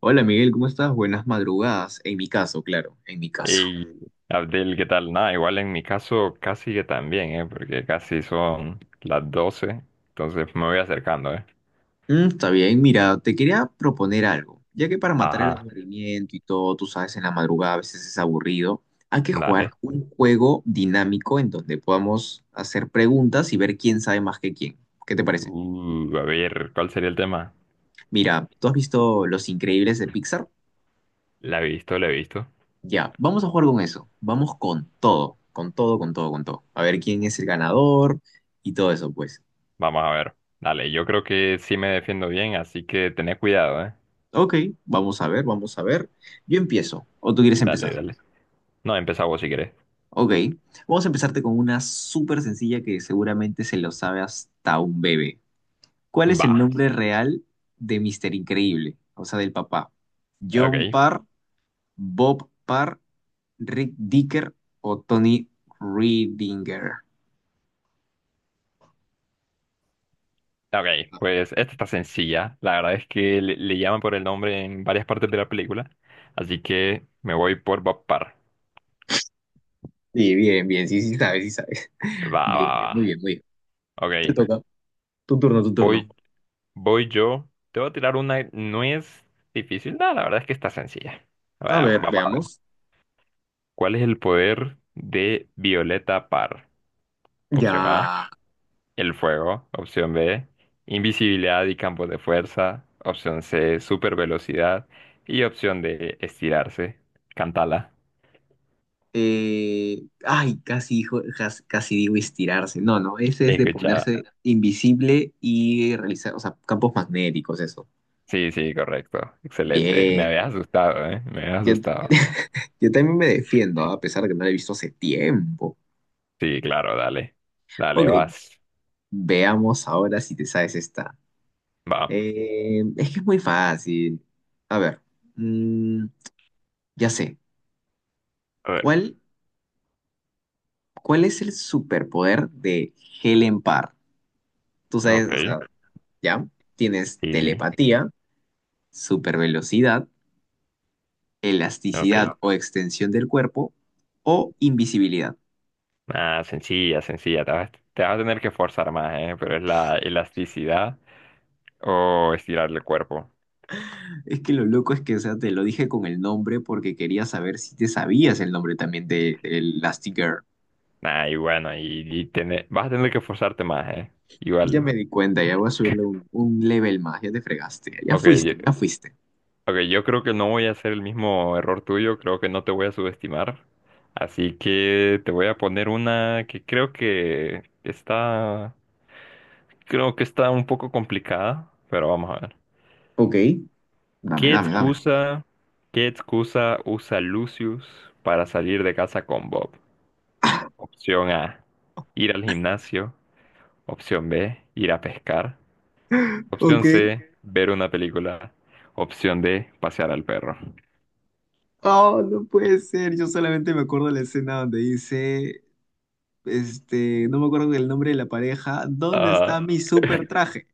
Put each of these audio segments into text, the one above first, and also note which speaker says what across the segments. Speaker 1: Hola Miguel, ¿cómo estás? Buenas madrugadas. En mi caso, claro, en mi caso.
Speaker 2: Y Abdel, ¿qué tal? Nada, igual en mi caso casi que también, ¿eh? Porque casi son las 12, entonces me voy acercando, ¿eh?
Speaker 1: Está bien, mira, te quería proponer algo. Ya que para matar el
Speaker 2: Ajá,
Speaker 1: aburrimiento y todo, tú sabes, en la madrugada a veces es aburrido, hay que
Speaker 2: dale.
Speaker 1: jugar un juego dinámico en donde podamos hacer preguntas y ver quién sabe más que quién. ¿Qué te parece?
Speaker 2: A ver, ¿cuál sería el tema?
Speaker 1: Mira, ¿tú has visto Los Increíbles de Pixar?
Speaker 2: La he visto, la he visto.
Speaker 1: Ya, vamos a jugar con eso. Vamos con todo, con todo, con todo, con todo. A ver quién es el ganador y todo eso, pues.
Speaker 2: Vamos a ver. Dale, yo creo que sí me defiendo bien, así que tené cuidado, ¿eh?
Speaker 1: Ok, vamos a ver, vamos a ver. Yo empiezo, o tú quieres
Speaker 2: Dale,
Speaker 1: empezar.
Speaker 2: dale. No, empezá vos si querés.
Speaker 1: Ok, vamos a empezarte con una súper sencilla que seguramente se lo sabe hasta un bebé. ¿Cuál es el
Speaker 2: Va.
Speaker 1: nombre real de Mister Increíble? O sea, del papá. John
Speaker 2: Ok.
Speaker 1: Parr, Bob Parr, Rick Dicker o Tony Reedinger.
Speaker 2: Ok, pues esta está sencilla. La verdad es que le llaman por el nombre en varias partes de la película, así que me voy por Bob Parr.
Speaker 1: Sí, bien, bien, sí, sí sabes, sí sabes.
Speaker 2: Va, va,
Speaker 1: Bien, bien, muy
Speaker 2: va.
Speaker 1: bien, muy bien.
Speaker 2: Ok,
Speaker 1: Te toca. Tu turno, tu turno.
Speaker 2: voy, voy yo. Te voy a tirar una. No es difícil. No, la verdad es que está sencilla.
Speaker 1: A ver,
Speaker 2: Vamos a ver.
Speaker 1: veamos.
Speaker 2: ¿Cuál es el poder de Violeta Parr? Opción A,
Speaker 1: Ya.
Speaker 2: el fuego. Opción B, invisibilidad y campos de fuerza. Opción C, supervelocidad. Y opción D, estirarse. Cántala.
Speaker 1: Casi, casi digo estirarse. No, no, ese es de
Speaker 2: Escucha.
Speaker 1: ponerse invisible y realizar, o sea, campos magnéticos, eso.
Speaker 2: Sí, sí, correcto. Excelente. Me habías
Speaker 1: Bien.
Speaker 2: asustado, ¿eh? Me habías
Speaker 1: Yo,
Speaker 2: asustado.
Speaker 1: yo también me defiendo, ¿ah? A pesar de que no lo he visto hace tiempo.
Speaker 2: Sí, claro, dale. Dale,
Speaker 1: Ok,
Speaker 2: vas.
Speaker 1: veamos ahora si te sabes esta.
Speaker 2: Va.
Speaker 1: Es que es muy fácil. A ver, mm, ya sé.
Speaker 2: A ver,
Speaker 1: ¿Cuál, ¿cuál es el superpoder de Helen Parr? Tú sabes, o
Speaker 2: ok,
Speaker 1: sea, ya tienes
Speaker 2: sí, sí,
Speaker 1: telepatía supervelocidad, elasticidad.
Speaker 2: ok.
Speaker 1: No. O extensión del cuerpo o invisibilidad.
Speaker 2: Ah, sencilla, sencilla. Te vas a tener que forzar más, ¿eh? Pero es la elasticidad o estirar el cuerpo.
Speaker 1: Es que lo loco es que, o sea, te lo dije con el nombre porque quería saber si te sabías el nombre también de Elastigirl.
Speaker 2: Ah, y bueno, vas a tener que forzarte más, ¿eh?
Speaker 1: Ya
Speaker 2: Igual.
Speaker 1: me di cuenta, ya voy a subirle un level más, ya te fregaste, ya
Speaker 2: Ok, yo,
Speaker 1: fuiste, ya fuiste.
Speaker 2: ok, yo creo que no voy a hacer el mismo error tuyo, creo que no te voy a subestimar. Así que te voy a poner una que creo que está un poco complicada, pero vamos a ver.
Speaker 1: Ok. Dame,
Speaker 2: ¿Qué
Speaker 1: dame, dame.
Speaker 2: excusa, ¿qué excusa usa Lucius para salir de casa con Bob? Opción A, ir al gimnasio. Opción B, ir a pescar. Opción
Speaker 1: Ok.
Speaker 2: C, ver una película. Opción D, pasear al perro.
Speaker 1: Oh, no puede ser. Yo solamente me acuerdo de la escena donde dice, no me acuerdo del nombre de la pareja, ¿dónde está
Speaker 2: Ah,
Speaker 1: mi super traje?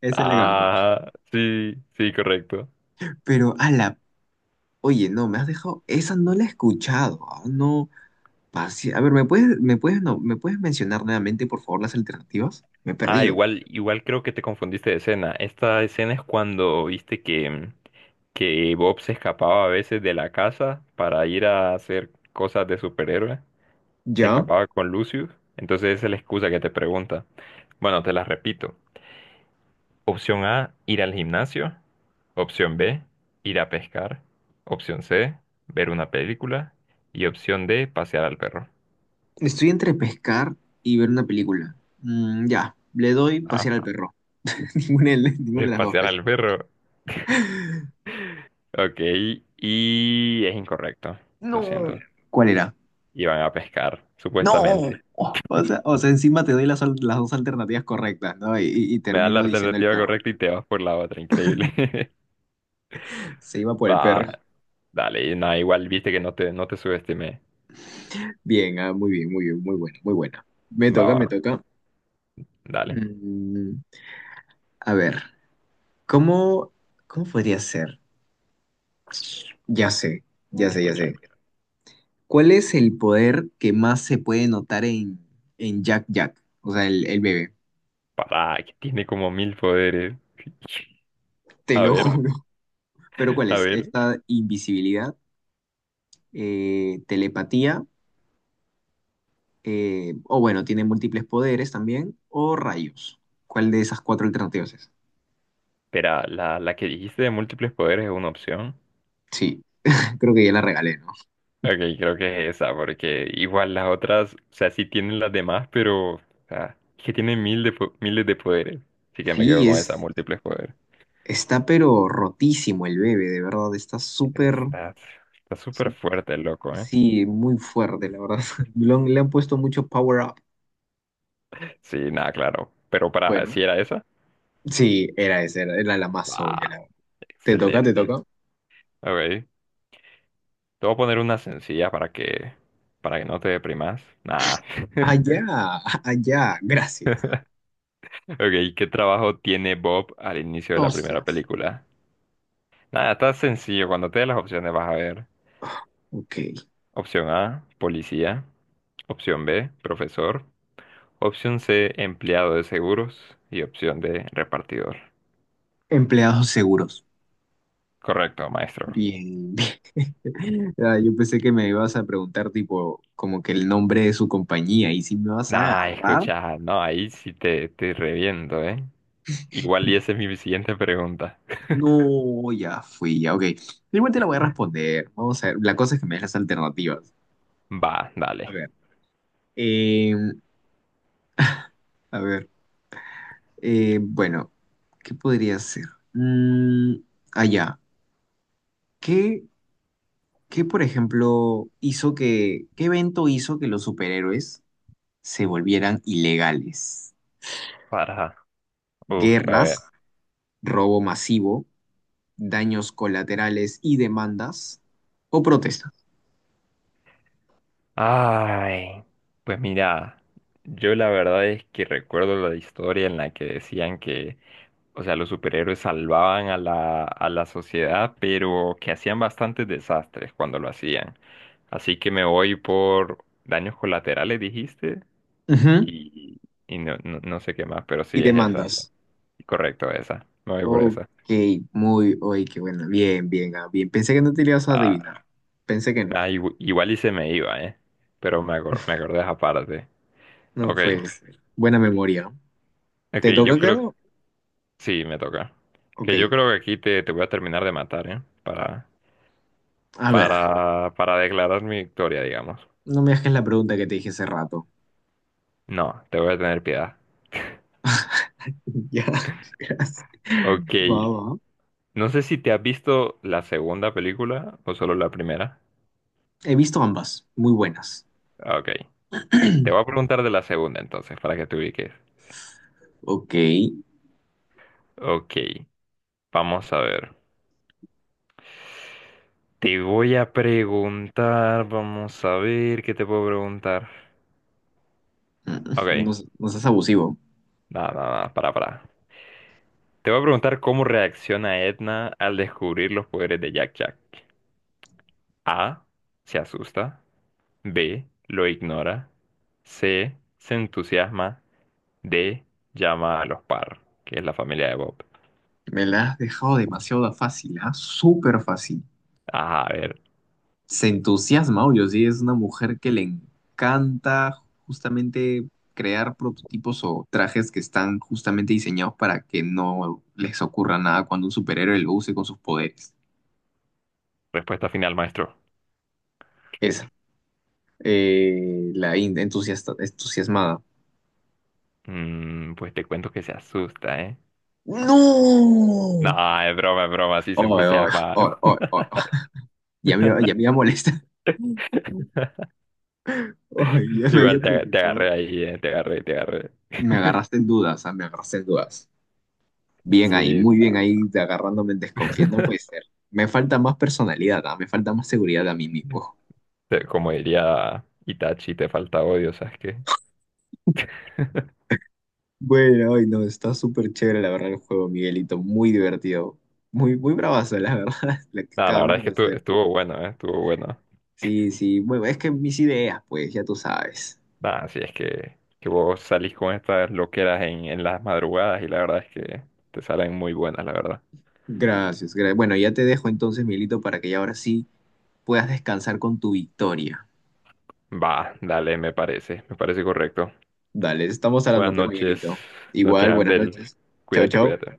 Speaker 1: Esa es la que me acuerdo.
Speaker 2: ah, sí, sí, correcto.
Speaker 1: Pero, ala, oye, no, me has dejado, esa no la he escuchado, ah, no, a ver, me puedes, no, ¿me puedes mencionar nuevamente, por favor, las alternativas? Me he
Speaker 2: Ah,
Speaker 1: perdido.
Speaker 2: igual, igual creo que te confundiste de escena. Esta escena es cuando viste que Bob se escapaba a veces de la casa para ir a hacer cosas de superhéroe. Se
Speaker 1: Ya,
Speaker 2: escapaba con Lucius, entonces esa es la excusa que te pregunta. Bueno, te la repito. Opción A, ir al gimnasio. Opción B, ir a pescar. Opción C, ver una película. Y opción D, pasear al perro.
Speaker 1: estoy entre pescar y ver una película. Ya, le doy
Speaker 2: Ah,
Speaker 1: pasear al perro. Ninguna de, ninguna de
Speaker 2: es
Speaker 1: las dos.
Speaker 2: pasear
Speaker 1: Pues.
Speaker 2: al perro. Ok, y es incorrecto. Lo
Speaker 1: No.
Speaker 2: siento.
Speaker 1: ¿Cuál era?
Speaker 2: Iban a pescar,
Speaker 1: No.
Speaker 2: supuestamente.
Speaker 1: Oh, o sea, encima te doy las, las dos alternativas correctas, ¿no? Y
Speaker 2: Me da la
Speaker 1: termino diciendo el
Speaker 2: alternativa
Speaker 1: perro.
Speaker 2: correcta y te vas por la otra, increíble.
Speaker 1: Se iba por el
Speaker 2: Va,
Speaker 1: perro.
Speaker 2: dale, nada, igual viste que no te subestimé.
Speaker 1: Bien, ah, muy bien, muy bien, muy buena, muy buena. Me
Speaker 2: Va,
Speaker 1: toca, me
Speaker 2: va,
Speaker 1: toca.
Speaker 2: dale.
Speaker 1: Mm, a ver, ¿cómo, ¿cómo podría ser? Ya sé, ya sé, ya
Speaker 2: Escucha,
Speaker 1: sé. ¿Cuál es el poder que más se puede notar en Jack Jack? O sea, el bebé.
Speaker 2: papá, que tiene como mil poderes.
Speaker 1: Te
Speaker 2: A
Speaker 1: lo
Speaker 2: ver,
Speaker 1: juro. ¿Pero cuál
Speaker 2: a
Speaker 1: es?
Speaker 2: ver.
Speaker 1: Esta invisibilidad, telepatía, o bueno, tiene múltiples poderes también, o rayos. ¿Cuál de esas cuatro alternativas es?
Speaker 2: Espera, la que dijiste de múltiples poderes es una opción.
Speaker 1: Sí, creo que ya la regalé, ¿no?
Speaker 2: Ok, creo que es esa, porque igual las otras, o sea, sí tienen las demás, pero, o sea, es que tienen mil de, po- miles de poderes. Así que me quedo
Speaker 1: Sí,
Speaker 2: con esa, múltiples poderes.
Speaker 1: está pero rotísimo el bebé, de verdad, está súper...
Speaker 2: Está, está súper fuerte, el loco, ¿eh?
Speaker 1: Sí, muy fuerte, la verdad. Le han puesto mucho power up.
Speaker 2: Sí, nada, claro. Pero para,
Speaker 1: Bueno,
Speaker 2: ¿si era esa?
Speaker 1: sí, era esa, era la más
Speaker 2: Va,
Speaker 1: obvia. La verdad. ¿Te toca, te
Speaker 2: excelente.
Speaker 1: toca?
Speaker 2: Ok, te voy a poner una sencilla para que no te deprimas. Nada.
Speaker 1: Allá, allá, gracias.
Speaker 2: Ok, ¿qué trabajo tiene Bob al inicio de
Speaker 1: No
Speaker 2: la primera
Speaker 1: seas.
Speaker 2: película? Nada, está sencillo. Cuando te dé las opciones vas a ver.
Speaker 1: Ok.
Speaker 2: Opción A, policía. Opción B, profesor. Opción C, empleado de seguros. Y opción D, repartidor.
Speaker 1: Empleados seguros.
Speaker 2: Correcto, maestro.
Speaker 1: Bien, bien. Ah, yo pensé que me ibas a preguntar, tipo, como que el nombre de su compañía y si me vas a
Speaker 2: Nah,
Speaker 1: agarrar.
Speaker 2: escucha, no, ahí sí te reviento, ¿eh? Igual y esa es mi siguiente pregunta.
Speaker 1: No, ya fui, ya, ok. Igual te la voy a responder. Vamos a ver. La cosa es que me des alternativas.
Speaker 2: Va,
Speaker 1: A
Speaker 2: dale.
Speaker 1: ver. em, a ver. Bueno, ¿qué podría ser? Mm, allá. ¿Qué, ¿qué, por ejemplo, hizo qué evento hizo que los superhéroes se volvieran ilegales?
Speaker 2: Para. Uf, a
Speaker 1: ¿Guerras,
Speaker 2: ver.
Speaker 1: robo masivo, daños colaterales y demandas? ¿O protestas?
Speaker 2: Ay, pues mira, yo la verdad es que recuerdo la historia en la que decían que, o sea, los superhéroes salvaban a a la sociedad, pero que hacían bastantes desastres cuando lo hacían. Así que me voy por daños colaterales, dijiste,
Speaker 1: Ujú,
Speaker 2: y, y no, no, no sé qué más, pero
Speaker 1: y
Speaker 2: sí es esa.
Speaker 1: demandas.
Speaker 2: Correcto, esa. Me voy por
Speaker 1: Ok,
Speaker 2: esa.
Speaker 1: muy, oye, qué bueno. Bien, bien, ah, bien. Pensé que no te lo ibas a
Speaker 2: Ah,
Speaker 1: adivinar. Pensé que no.
Speaker 2: ah, igu- igual y se me iba, ¿eh? Pero me, acor- me acordé de esa parte.
Speaker 1: No
Speaker 2: Ok,
Speaker 1: puede ser. Buena memoria.
Speaker 2: ok,
Speaker 1: ¿Te toca,
Speaker 2: yo creo.
Speaker 1: claro?
Speaker 2: Sí, me toca.
Speaker 1: Ok.
Speaker 2: Que yo creo que aquí te, te voy a terminar de matar, ¿eh?
Speaker 1: A ver,
Speaker 2: Para declarar mi victoria, digamos.
Speaker 1: no me dejes la pregunta que te dije hace rato.
Speaker 2: No, te voy a tener piedad.
Speaker 1: Ya, gracias.
Speaker 2: Ok.
Speaker 1: Va, va.
Speaker 2: No sé si te has visto la segunda película o solo la primera.
Speaker 1: He visto ambas, muy buenas.
Speaker 2: Ah, ok. Te voy a preguntar de la segunda entonces, para que te ubiques.
Speaker 1: Ok.
Speaker 2: Ok. Vamos a ver. Te voy a preguntar, vamos a ver qué te puedo preguntar.
Speaker 1: mm, No,
Speaker 2: Ok.
Speaker 1: no seas abusivo.
Speaker 2: Nada, nada, nada. Para, para. Te voy a preguntar cómo reacciona Edna al descubrir los poderes de Jack Jack. A. Se asusta. B. Lo ignora. C. Se entusiasma. D. Llama a los Parr, que es la familia de Bob.
Speaker 1: Me la has dejado demasiado fácil, ¿ah? Súper fácil.
Speaker 2: Ah, a ver,
Speaker 1: Se entusiasma, obvio, sí. Es una mujer que le encanta justamente crear prototipos o trajes que están justamente diseñados para que no les ocurra nada cuando un superhéroe lo use con sus poderes.
Speaker 2: respuesta final, maestro.
Speaker 1: Es la India entusiasta, entusiasmada.
Speaker 2: Mm, pues te cuento que se asusta, ¿eh? No,
Speaker 1: ¡No!
Speaker 2: es broma, sí
Speaker 1: Ay,
Speaker 2: se
Speaker 1: ay,
Speaker 2: entusiasma.
Speaker 1: ay, ay, ay. Ya me iba a molestar. Ay, ya me había
Speaker 2: Igual te, te
Speaker 1: preocupado.
Speaker 2: agarré ahí, te agarré, te agarré.
Speaker 1: Me agarraste en dudas, ah, me agarraste en dudas. Bien ahí,
Speaker 2: Sí.
Speaker 1: muy bien
Speaker 2: No.
Speaker 1: ahí, de agarrándome en desconfianza. No puede ser. Me falta más personalidad, ah, me falta más seguridad a mí mismo.
Speaker 2: Te- Como diría Itachi, te falta odio, ¿sabes qué?
Speaker 1: Bueno, ay, no, está súper chévere la verdad el juego, Miguelito. Muy divertido. Muy, muy bravazo, la verdad, lo que
Speaker 2: Nada, la verdad
Speaker 1: acabamos
Speaker 2: es que
Speaker 1: de
Speaker 2: estuvo,
Speaker 1: hacer.
Speaker 2: estuvo bueno, ¿eh? Estuvo bueno.
Speaker 1: Sí, sí, bueno, es que mis ideas, pues ya tú sabes.
Speaker 2: Nada, si es que vos salís con estas loqueras en las madrugadas y la verdad es que te salen muy buenas, la verdad.
Speaker 1: Gracias, bueno, ya te dejo entonces, Miguelito, para que ya ahora sí puedas descansar con tu victoria.
Speaker 2: Va, dale, me parece correcto.
Speaker 1: Dale, estamos hablando
Speaker 2: Buenas
Speaker 1: pues,
Speaker 2: noches,
Speaker 1: Miguelito.
Speaker 2: noches
Speaker 1: Igual, buenas
Speaker 2: Abdel.
Speaker 1: noches. Chau,
Speaker 2: Cuídate,
Speaker 1: chau.
Speaker 2: cuídate.